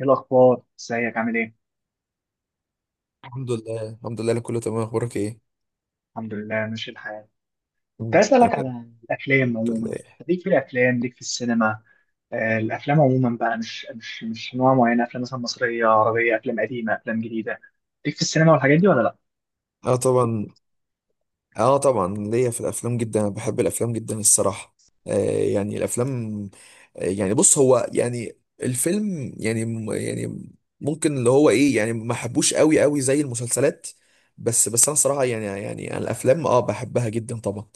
ايه الاخبار؟ ازيك؟ عامل ايه؟ الحمد لله، الحمد لله، أنا كله تمام. اخبارك ايه؟ الحمد لله، ماشي الحال. كنت عايز اسالك أنا على الافلام الحمد عموما. لله. ليك في الافلام، ليك في السينما؟ الافلام عموما بقى مش نوع معين، افلام مثلا مصريه، عربيه، افلام قديمه، افلام جديده. ليك في السينما والحاجات دي ولا لا؟ اه طبعا، اه طبعا ليا في الافلام جدا، انا بحب الافلام جدا الصراحه. آه، يعني الافلام، آه يعني بص، هو يعني الفيلم يعني يعني ممكن اللي هو ايه، يعني ما حبوش قوي قوي زي المسلسلات. بس انا صراحه، يعني أنا الافلام اه بحبها جدا طبعا.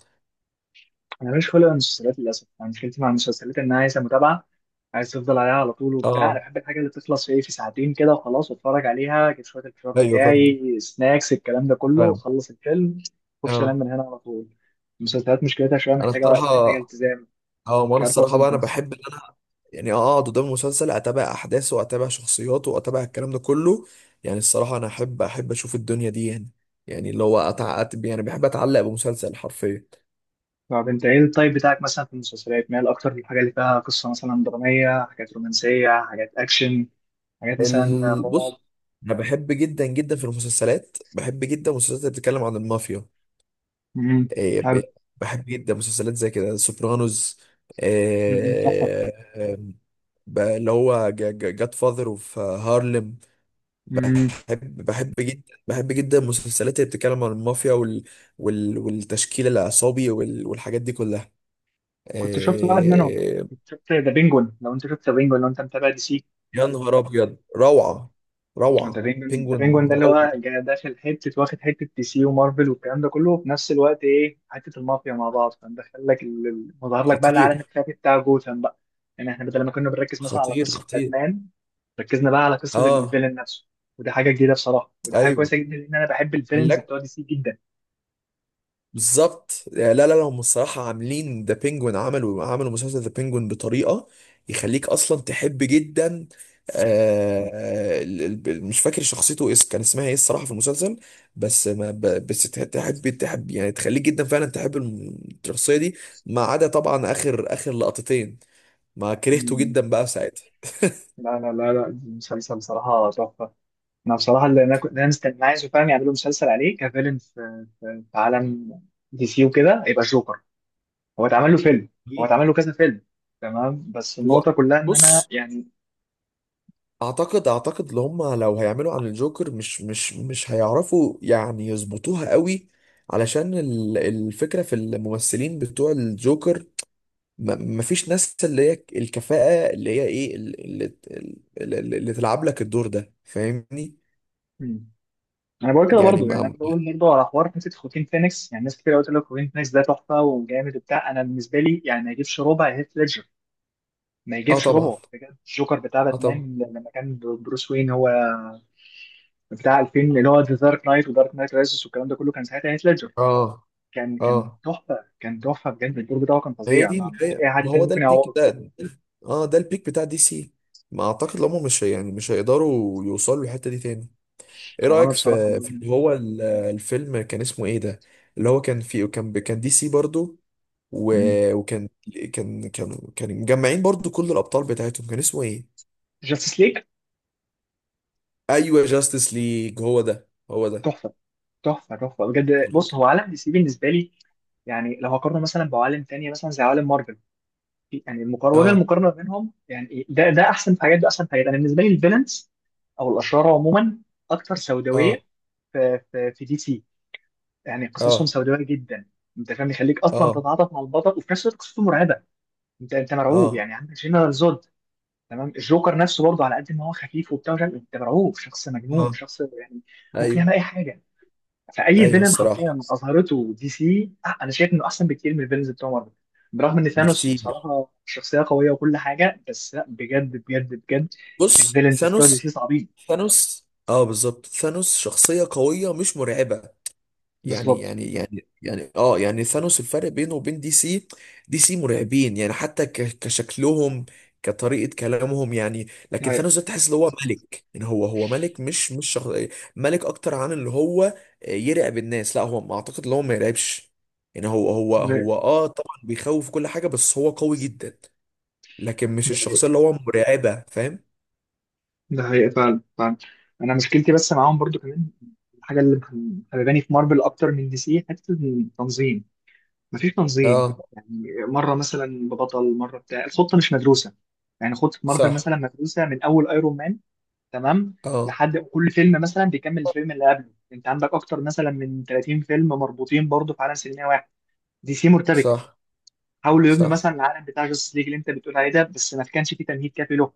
انا مش خلق المسلسلات للاسف، انا مشكلتي مع المسلسلات انها عايزه متابعه، عايز تفضل عليها على طول وبتاع. انا اه، بحب الحاجه اللي تخلص في ايه، في ساعتين كده وخلاص، واتفرج عليها، اجيب شويه الفشار ايوه فاهم، بتاعي، سناكس، الكلام ده كله، فاهم. اخلص الفيلم اخش اه، انام من هنا على طول. المسلسلات مشكلتها شويه، انا محتاجه وقت، محتاجه الصراحه، التزام. اه مش وانا عارف الصراحه اوزن بقى في انا بحب، يعني اقعد قدام المسلسل، اتابع احداثه واتابع شخصياته واتابع الكلام ده كله. يعني الصراحه انا احب اشوف الدنيا دي، يعني يعني اللي هو يعني بحب اتعلق بمسلسل حرفيا. طب انت ايه التايب بتاعك مثلا في المسلسلات؟ مايل اكتر للحاجه اللي فيها قصه مثلا دراميه، حاجات رومانسيه، حاجات اكشن، حاجات مثلا رعب؟ بص، انا بحب جدا جدا في المسلسلات، بحب جدا المسلسلات اللي بتتكلم عن المافيا. امم. إيه، حلو. ب- بحب جدا مسلسلات زي كده سوبرانوس. امم، تحفه. إيه، اللي هو جاد فاذر وفي هارلم. بحب جدا. بحب جدا المسلسلات اللي بتتكلم عن المافيا والتشكيل العصابي والحاجات دي كلها. كنت شفت واحد منهم، آه، كنت شفت ذا بينجون، لو انت شفت ذا بينجون، لو انت متابع دي سي. يا نهار ابيض، روعة، ذا روعة. بينجون ذا بينجون بينجوين ده اللي روعة. هو داخل حته، واخد حته دي سي ومارفل والكلام ده كله، وفي نفس الوقت ايه، حته المافيا مع بعض، فمدخل لك مظهر لك بقى العالم خطير، الخفي بتاع جوثام بقى. يعني احنا بدل ما كنا بنركز مثلا على خطير، قصه خطير. باتمان، ركزنا بقى على قصه اه، الفيلن نفسه، وده حاجه جديده بصراحه، وده حاجه كويسه ايوه. جدا، لان انا بحب الفيلنز بلاك، بتوع دي سي جدا. بالظبط. لا، هم الصراحة عاملين ذا بينجوين، عملوا مسلسل ذا بينجوين بطريقة يخليك أصلا تحب جدا. آه، مش فاكر شخصيته إيه، كان اسمها إيه الصراحة في المسلسل. بس ما ب- بس تحب يعني تخليك جدا فعلا تحب الشخصية دي. ما عدا طبعا آخر لقطتين، ما كرهته مم. جدا بقى ساعتها. لا لا لا لا، المسلسل بصراحه تحفه. انا بصراحه اللي انا مستني عايزه فعلا يعملوا مسلسل عليه كفيلن في عالم دي سي وكده، يبقى جوكر. هو اتعمل له فيلم، هو اتعمل له كذا فيلم، تمام، بس النقطه هو كلها ان انا بص، يعني. اعتقد اللي هم لو هيعملوا عن الجوكر، مش هيعرفوا يعني يظبطوها قوي، علشان الفكرة في الممثلين بتوع الجوكر مفيش ناس اللي هي الكفاءة اللي هي ايه اللي تلعب لك الدور ده، فاهمني؟ مم. انا بقول كده يعني برضو، يعني انا ما. بقول برضو على حوار حته خوكين فينيكس. يعني ناس كتير قوي تقول لك خوكين فينيكس ده تحفه وجامد وبتاع، انا بالنسبه لي يعني ما يجيبش ربع هيث ليدجر، ما اه يجيبش طبعا، ربعه بجد. الجوكر بتاع اه طبعا. باتمان لما كان بروس وين هو بتاع 2000، اللي هو ذا دارك نايت ودارك نايت رايزز والكلام ده كله، كان ساعتها هيث ليدجر، اه، كان اه. تحفه، كان تحفه بجد، الدور بتاعه كان ما هي فظيع، دي، ما ما فيش هي، اي حد ما هو تاني ده ممكن البيك يعوضه. ده. اه، ده البيك بتاع دي سي. ما اعتقد ان هم مش هي- يعني مش هيقدروا يوصلوا للحتة دي تاني. ايه هو انا رأيك بصراحه في في مؤمن. اللي هو الفيلم كان اسمه ايه ده، اللي هو كان فيه، كان كان دي سي برضو، وكان، كان مجمعين برضو كل الأبطال بتاعتهم، كان اسمه ايه؟ جاستس ليج ايوه، جاستس ليج، هو ده، هو ده. تحفه، تحفه تحفه بجد. بص، هو عالم دي سي بالنسبه لي، يعني لو هقارنه مثلا بعوالم تانية مثلا زي عوالم مارفل، يعني المقارنه، وجه اه، المقارنه بينهم، يعني ده ده احسن في حاجات، ده احسن في حاجات. انا بالنسبه لي الفيلنز او الاشرار عموما اكثر سوداويه اه، في دي سي، يعني قصصهم اه، سوداويه جدا. انت فاهم، يخليك اصلا اه، تتعاطف مع البطل وفي نفس الوقت قصته مرعبه، انت مرعوب. اه، يعني عندك جنرال زود، تمام. الجوكر نفسه برضه على قد ما هو خفيف وبتاع ومش عارف إيه، انت مرعوب، شخص اه، مجنون، شخص يعني ممكن ايوه، يعمل اي حاجه. فاي ايوه فيلن الصراحة، حرفيا اظهرته دي سي انا شايف انه احسن بكتير من الفيلنز بتوع مارفل. برغم ان ثانوس بكتير. بصراحه شخصيه قويه وكل حاجه، بس لا، بجد بجد بجد بص الفيلنز بتوع دي سي ثانوس، صعبين. ثانوس اه بالظبط، ثانوس شخصية قوية مش مرعبة. يعني بالظبط. يعني يعني يعني اه يعني ثانوس، الفرق بينه وبين دي سي، دي سي مرعبين يعني حتى كشكلهم، كطريقة كلامهم، يعني ده لكن ثانوس ده حقيقة. تحس ان هو ملك، يعني هو ملك، مش شخص. ملك اكتر عن اللي هو يرعب الناس، لا هو ما اعتقد ان هو ما يرعبش، يعني هو هو ده حقيقة. هو اه طبعا بيخوف كل حاجة، بس هو قوي جدا، لكن مش ده الشخصية اللي حقيقة. هو مرعبة، فاهم؟ ده حقيقة فعلا، فعلا. أنا مشكلتي بس معاهم برضو كمان، الحاجة اللي مخرباني في مارفل أكتر من دي سي، حتة التنظيم، مفيش تنظيم اه، يعني، مره مثلا ببطل، مره بتاع، الخطه مش مدروسه. يعني خطه مارفل صح، مثلا مدروسه من اول ايرون مان، تمام، اه لحد كل فيلم مثلا بيكمل الفيلم اللي قبله، انت عندك اكتر مثلا من 30 فيلم مربوطين برضه في عالم سينمائي واحد. دي سي مرتبكه، صح، حاولوا يبنوا مثلا صح، العالم بتاع جاستس ليج اللي انت بتقول عليه ده، بس ما كانش فيه تمهيد كافي له.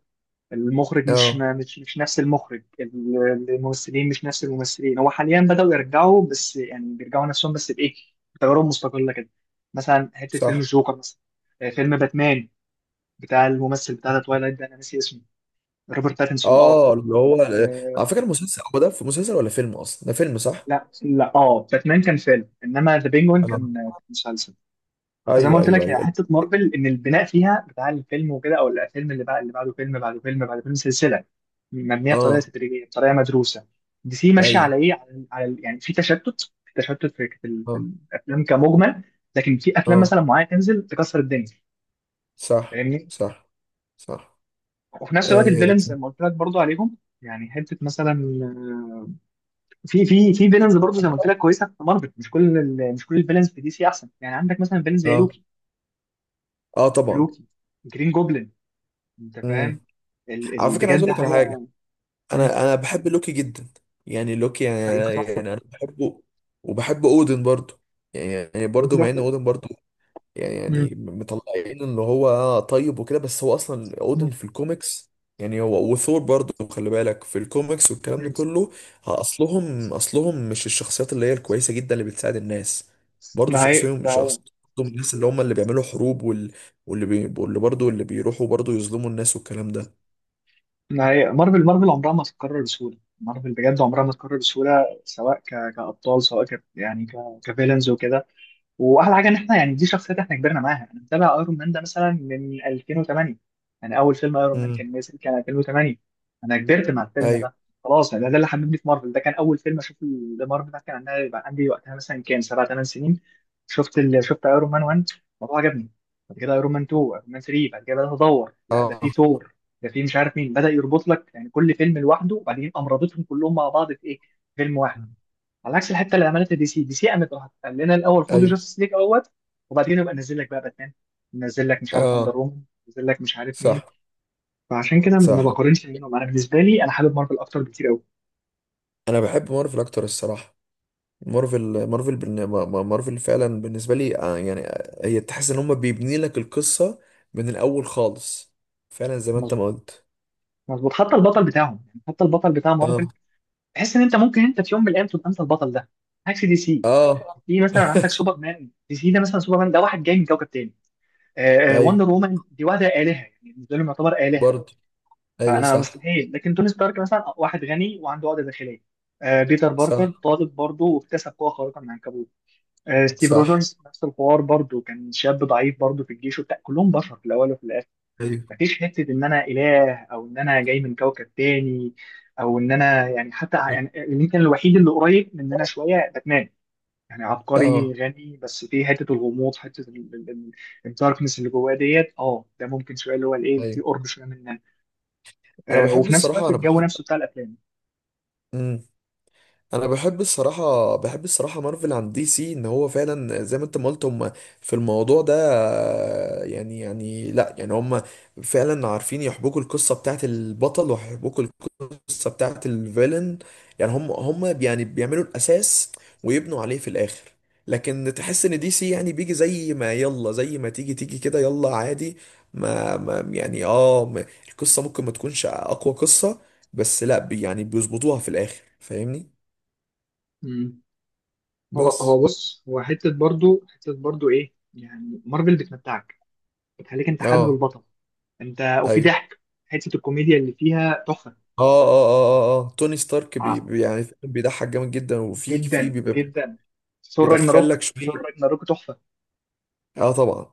المخرج مش اه ما- مش مش نفس المخرج، الممثلين مش نفس الممثلين. هو حاليا بدأوا يرجعوا، بس يعني بيرجعوا نفسهم بس بإيه، بتجارب مستقلة كده، مثلا حتة فيلم صح. الجوكر مثلا، فيلم باتمان بتاع الممثل بتاع توايلايت ده، أنا ناسي اسمه، روبرت باتنسون، اه، اه اللي هو، على آه. فكره المسلسل هو ده، في مسلسل ولا فيلم اصلا؟ ده فيلم، صح. لا لا، اه، باتمان كان فيلم، انما ذا بينجوين اه، كان كان مسلسل. فزي ما ايوه، قلت ايوه، لك هي ايوه. حته مارفل ان البناء فيها بتاع الفيلم وكده، او الفيلم اللي بعد اللي بعده، فيلم بعده فيلم بعد فيلم، سلسله مبنيه بطريقه اه، تدريجيه، بطريقه مدروسه. دي سي ماشيه ايوه، على ايه، يعني في تشتت في اه، الافلام كمجمل، لكن في افلام اه، مثلا معينه تنزل تكسر الدنيا، صح، فاهمني. صح، صح. وفي نفس الوقت آه الفيلنز زي كان، ما قلت لك برضو عليهم، يعني حته مثلا في فيلنز برضو زي ما قلت لك كويسه في مارفل، مش كل الفيلنز في دي سي احسن، يعني عندك مثلا فيلنز زي اه، لوكي، اه طبعا. لوكي، جرين جوبلن، انت فاهم، امم، على فكره أنا عايز بجد اقول لك على حاجه. حاجه. مم. انا انا بحب لوكي جدا، يعني لوكي يعني, يعني ممكن يعني تحفه، انا بحبه، وبحب اودن برضو، يعني يعني برضو، ممكن مع ان تحفه. اودن برضو، يعني مم. يعني مطلعين ان هو طيب وكده، بس هو اصلا اودن مم. في الكوميكس، يعني هو وثور برضه، خلي بالك في الكوميكس والكلام ده مم. كله. ها، اصلهم مش الشخصيات اللي هي الكويسه جدا اللي بتساعد الناس، برضه ده حقيقي، ده حقيقي، شخصيتهم من الناس اللي هم اللي بيعملوا حروب واللي برضه اللي بيروحوا برضه يظلموا الناس والكلام ده. ده حقيقي. مارفل مارفل عمرها ما تتكرر بسهوله، مارفل بجد عمرها ما تتكرر بسهوله، سواء كابطال، سواء كفيلنز وكده. واحلى حاجه ان احنا، يعني دي شخصيات احنا كبرنا معاها، انا متابع ايرون مان ده مثلا من 2008، يعني اول فيلم ايرون مان امم، كان نازل كان 2008، انا كبرت مع الفيلم ايوه، ده خلاص، يعني ده اللي حببني في مارفل، ده كان اول فيلم اشوف مارفل، ده كان عندها يبقى عندي وقتها مثلا كام، سبع ثمان سنين. شفت شفت ايرون مان 1، الموضوع عجبني، بعد كده ايرون مان 2، ايرون مان 3، بعد كده بدات ادور، لا ده في اه، ثور، ده في مش عارف مين، بدا يربط لك يعني كل فيلم لوحده، وبعدين قام رابطهم كلهم مع بعض في ايه، فيلم واحد. على عكس الحته اللي عملتها دي سي، دي سي قامت راحت قال لنا الاول خدوا ايوه، جاستس ليج اهوت، وبعدين يبقى نزل لك بقى باتمان، نزل لك مش عارف اندر اه، وومن، نزل لك مش عارف مين. صح، فعشان كده ما صح. بقارنش بينهم، انا بالنسبه لي انا حابب مارفل اكتر بكتير قوي. انا بحب مارفل اكتر الصراحه. مارفل مارفل بالن- ما- ما- مارفل فعلا بالنسبة لي آه، يعني آه، هي تحس ان هم بيبني لك القصة من الاول خالص، فعلا زي ما انت ما مظبوط، قلت. مظبوط. حتى البطل بتاعهم يعني حتى البطل بتاع مارفل اه، تحس ان انت ممكن انت في يوم من الايام تبقى انت البطل ده. عكس دي سي، اه، دي مثلا عندك سوبرمان، دي سي ده مثلا سوبرمان ده واحد جاي من كوكب تاني، آه آه، ايوه، وندر وومن دي واحده الهه، يعني بالنسبه لهم يعتبر الهه، برضه، ايوه فانا صح، مستحيل. لكن توني ستارك مثلا واحد غني وعنده عقده داخليه، آه، بيتر باركر صح، طالب برضه واكتسب قوه خارقه من العنكبوت، آه، ستيف صح، روجرز نفس الحوار برضه، كان شاب ضعيف برضه في الجيش وبتاع، كلهم بشر في الاول وفي الاخر. ايوه، مفيش حته ان انا اله او ان انا جاي من كوكب تاني، او ان انا يعني، حتى يعني يمكن الوحيد اللي قريب مننا شويه باتمان، يعني اه عبقري غني، بس في حته الغموض، حته الداركنس اللي جواه ديت، اه ده ممكن شويه اللي هو الايه اللي فيه ايوه. قرب شويه مننا. انا بحب وفي نفس الصراحه، الوقت انا الجو بحب. نفسه بتاع الافلام. مم. انا بحب الصراحه، بحب الصراحه مارفل عن دي سي، ان هو فعلا زي ما انت ما قلت، هم في الموضوع ده، لا يعني هم فعلا عارفين يحبكوا القصه بتاعت البطل، ويحبكوا القصه بتاعت الفيلن، يعني هم هم يعني بيعملوا الاساس ويبنوا عليه في الاخر. لكن تحس ان دي سي يعني بيجي زي ما يلا، زي ما تيجي تيجي كده يلا عادي. ما, ما يعني اه القصه ممكن ما تكونش اقوى قصه، بس لا، بي يعني بيظبطوها في الاخر، فاهمني؟ مم. هو بس. هو بص، هو حته برضو، حته برضو ايه يعني، مارفل بتمتعك، بتخليك انت حابب اه، البطل انت، وفي ايوه، ضحك، حته الكوميديا اللي فيها تحفه. توني ستارك آه. يعني بيضحك جامد جدا، وفي جدا في بيبقى جدا. ثور بيدخل راجناروك، لك ثور شويه. راجناروك تحفه. اه طبعا.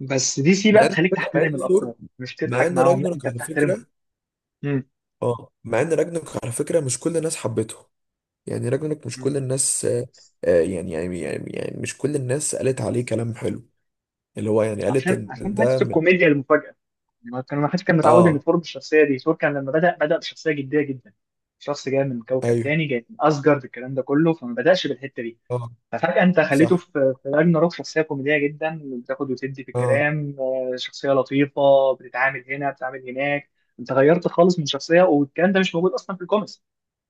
بس دي سي مع بقى ان على بتخليك فكرة، مع تحترم ان ثور، الابطال مش مع تضحك ان معاهم، لا، راجنروك انت على بتحترمهم. فكره، اه مع ان راجنك على فكره مش كل الناس حبته. يعني راجنك مش مم. كل الناس آه، آه، يعني مش كل الناس قالت عليه كلام حلو، اللي هو يعني قالت عشان ان عشان ده حته من. الكوميديا المفاجاه، يعني هو كان ما حدش كان متعود ان اه، ثور بالشخصيه دي، ثور كان لما بدا، بدا بشخصيه جديه جدا، شخص جاي من كوكب ايوه، تاني، جاي من اسجارد، الكلام ده كله، فما بداش بالحته دي. اه ففجاه انت خليته صح، في في راجناروك شخصيه كوميديه جدا، بتاخد وتدي في اه الكلام، آه، شخصيه لطيفه بتتعامل هنا، بتتعامل هناك. انت غيرت خالص من شخصيه، والكلام ده مش موجود اصلا في الكوميكس،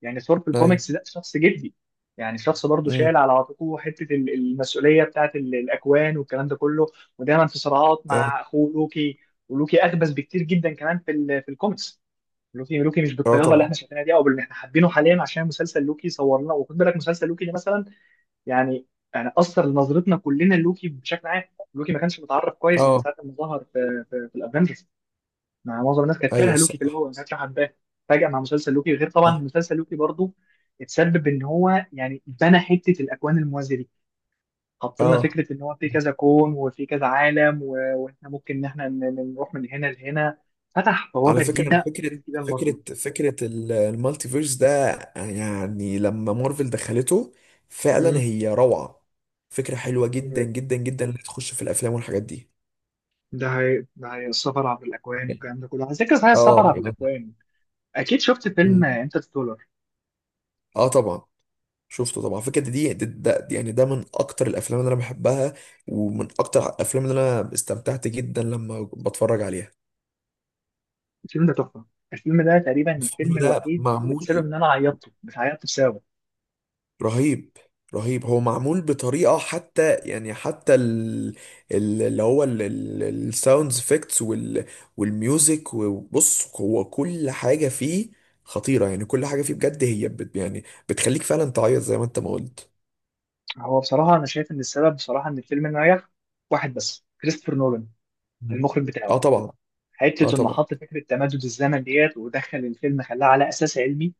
يعني ثور في ايوه، الكوميكس ده شخص جدي، يعني شخص برضه امم، شايل على عاتقه حته المسؤوليه بتاعت الاكوان والكلام ده كله، ودايما في صراعات اه، مع اخوه لوكي. ولوكي اخبث بكتير جدا كمان في في الكوميكس. لوكي لوكي مش اه بالطيابه اللي احنا طبعا. شايفينها دي، او باللي احنا حابينه حاليا، عشان مسلسل لوكي صور لنا، وخد بالك مسلسل لوكي ده مثلا، يعني يعني اثر نظرتنا كلنا لوكي بشكل عام. لوكي ما كانش متعرف كويس من اه ساعه ما ظهر في, الافنجرز، مع معظم الناس كانت ايوه كارهه لوكي في الصراحه، الاول، ما كانتش حباه. فجاه مع مسلسل لوكي، غير صح. طبعا مسلسل لوكي برضو اتسبب ان هو يعني بنى حته الاكوان الموازيه دي، حط لنا اه فكره ان هو في كذا كون وفي كذا عالم واحنا ممكن ان احنا نروح من هنا لهنا، فتح على بوابه فكره انا جديده، فكره، جديده لمارفل. فكره المالتي فيرس ده، يعني لما مارفل دخلته فعلا مم. هي روعه. فكره حلوه جدا جدا جدا، اللي تخش في الافلام والحاجات دي. ده هي السفر عبر الاكوان والكلام ده كله، على ذكر صحيح السفر اه عبر يعني. الاكوان، اكيد شفت فيلم مم. انترستولر. اه طبعا، شفته طبعا. فكرة دي يعني ده من اكتر الافلام اللي انا بحبها، ومن اكتر الافلام اللي انا استمتعت جدا لما بتفرج عليها. الفيلم ده تحفه، الفيلم ده تقريبا الفيلم الفيلم ده الوحيد اللي بسبب معمول ان انا عيطته، مش عيطت بسببه، رهيب، رهيب. هو معمول بطريقة، حتى يعني اللي هو الساوند افكتس والميوزك، وبص هو كل حاجة فيه خطيرة، يعني كل حاجة فيه بجد هي بت يعني بتخليك فعلا تعيط زي ما انت ما قلت. هو بصراحة أنا شايف إن السبب بصراحة إن الفيلم نجح واحد بس، كريستوفر نولان، مم. المخرج اه بتاعه، طبعا، اه حتة إنه طبعا. حط فكرة تمدد الزمن ديت، ودخل الفيلم خلاه على أساس علمي،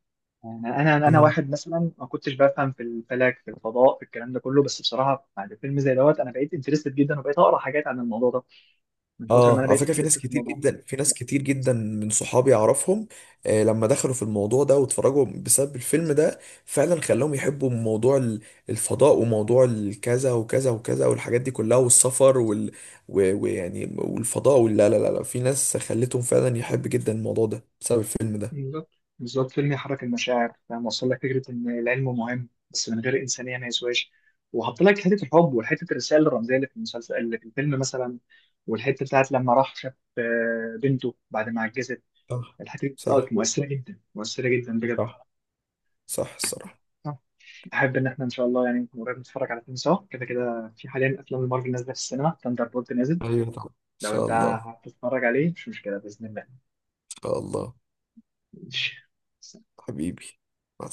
يعني أنا أنا مم. واحد مثلا ما كنتش بفهم في الفلك، في الفضاء، في الكلام ده كله، بس بصراحة بعد فيلم زي دوت أنا بقيت انترستد جدا، وبقيت أقرأ حاجات عن الموضوع ده من كتر ما أنا اه على بقيت فكره في ناس انترستد في كتير الموضوع. جدا، في ناس كتير جدا من صحابي اعرفهم، آه لما دخلوا في الموضوع ده واتفرجوا بسبب الفيلم ده، فعلا خلاهم يحبوا موضوع الفضاء وموضوع الكذا وكذا وكذا والحاجات دي كلها، والسفر ويعني والفضاء، ولا لا لا لا لا. في ناس خلتهم فعلا يحب جدا الموضوع ده بسبب الفيلم ده. بالظبط، بالظبط، فيلم يحرك المشاعر، فاهم، وصل لك فكره ان العلم مهم بس من غير انسانيه ما يسواش، وحط لك حته الحب، وحته الرساله الرمزيه اللي في المسلسل اللي في الفيلم مثلا، والحته بتاعت لما راح شاف آه، بنته بعد ما عجزت، صح، الحته دي بتاعت صح، مؤثره جدا، مؤثره جدا بجد. صح، صح الصراحه. آه. احب ان احنا ان شاء الله يعني نكون قريب نتفرج على فيلم سوا كده، كده في حاليا افلام المارفل نازله في السينما، ثاندر بولت نازل، ايوه طبعا، ان لو شاء انت الله، ان هتتفرج عليه مش مشكله باذن الله. شاء الله. ماشي. حبيبي، مع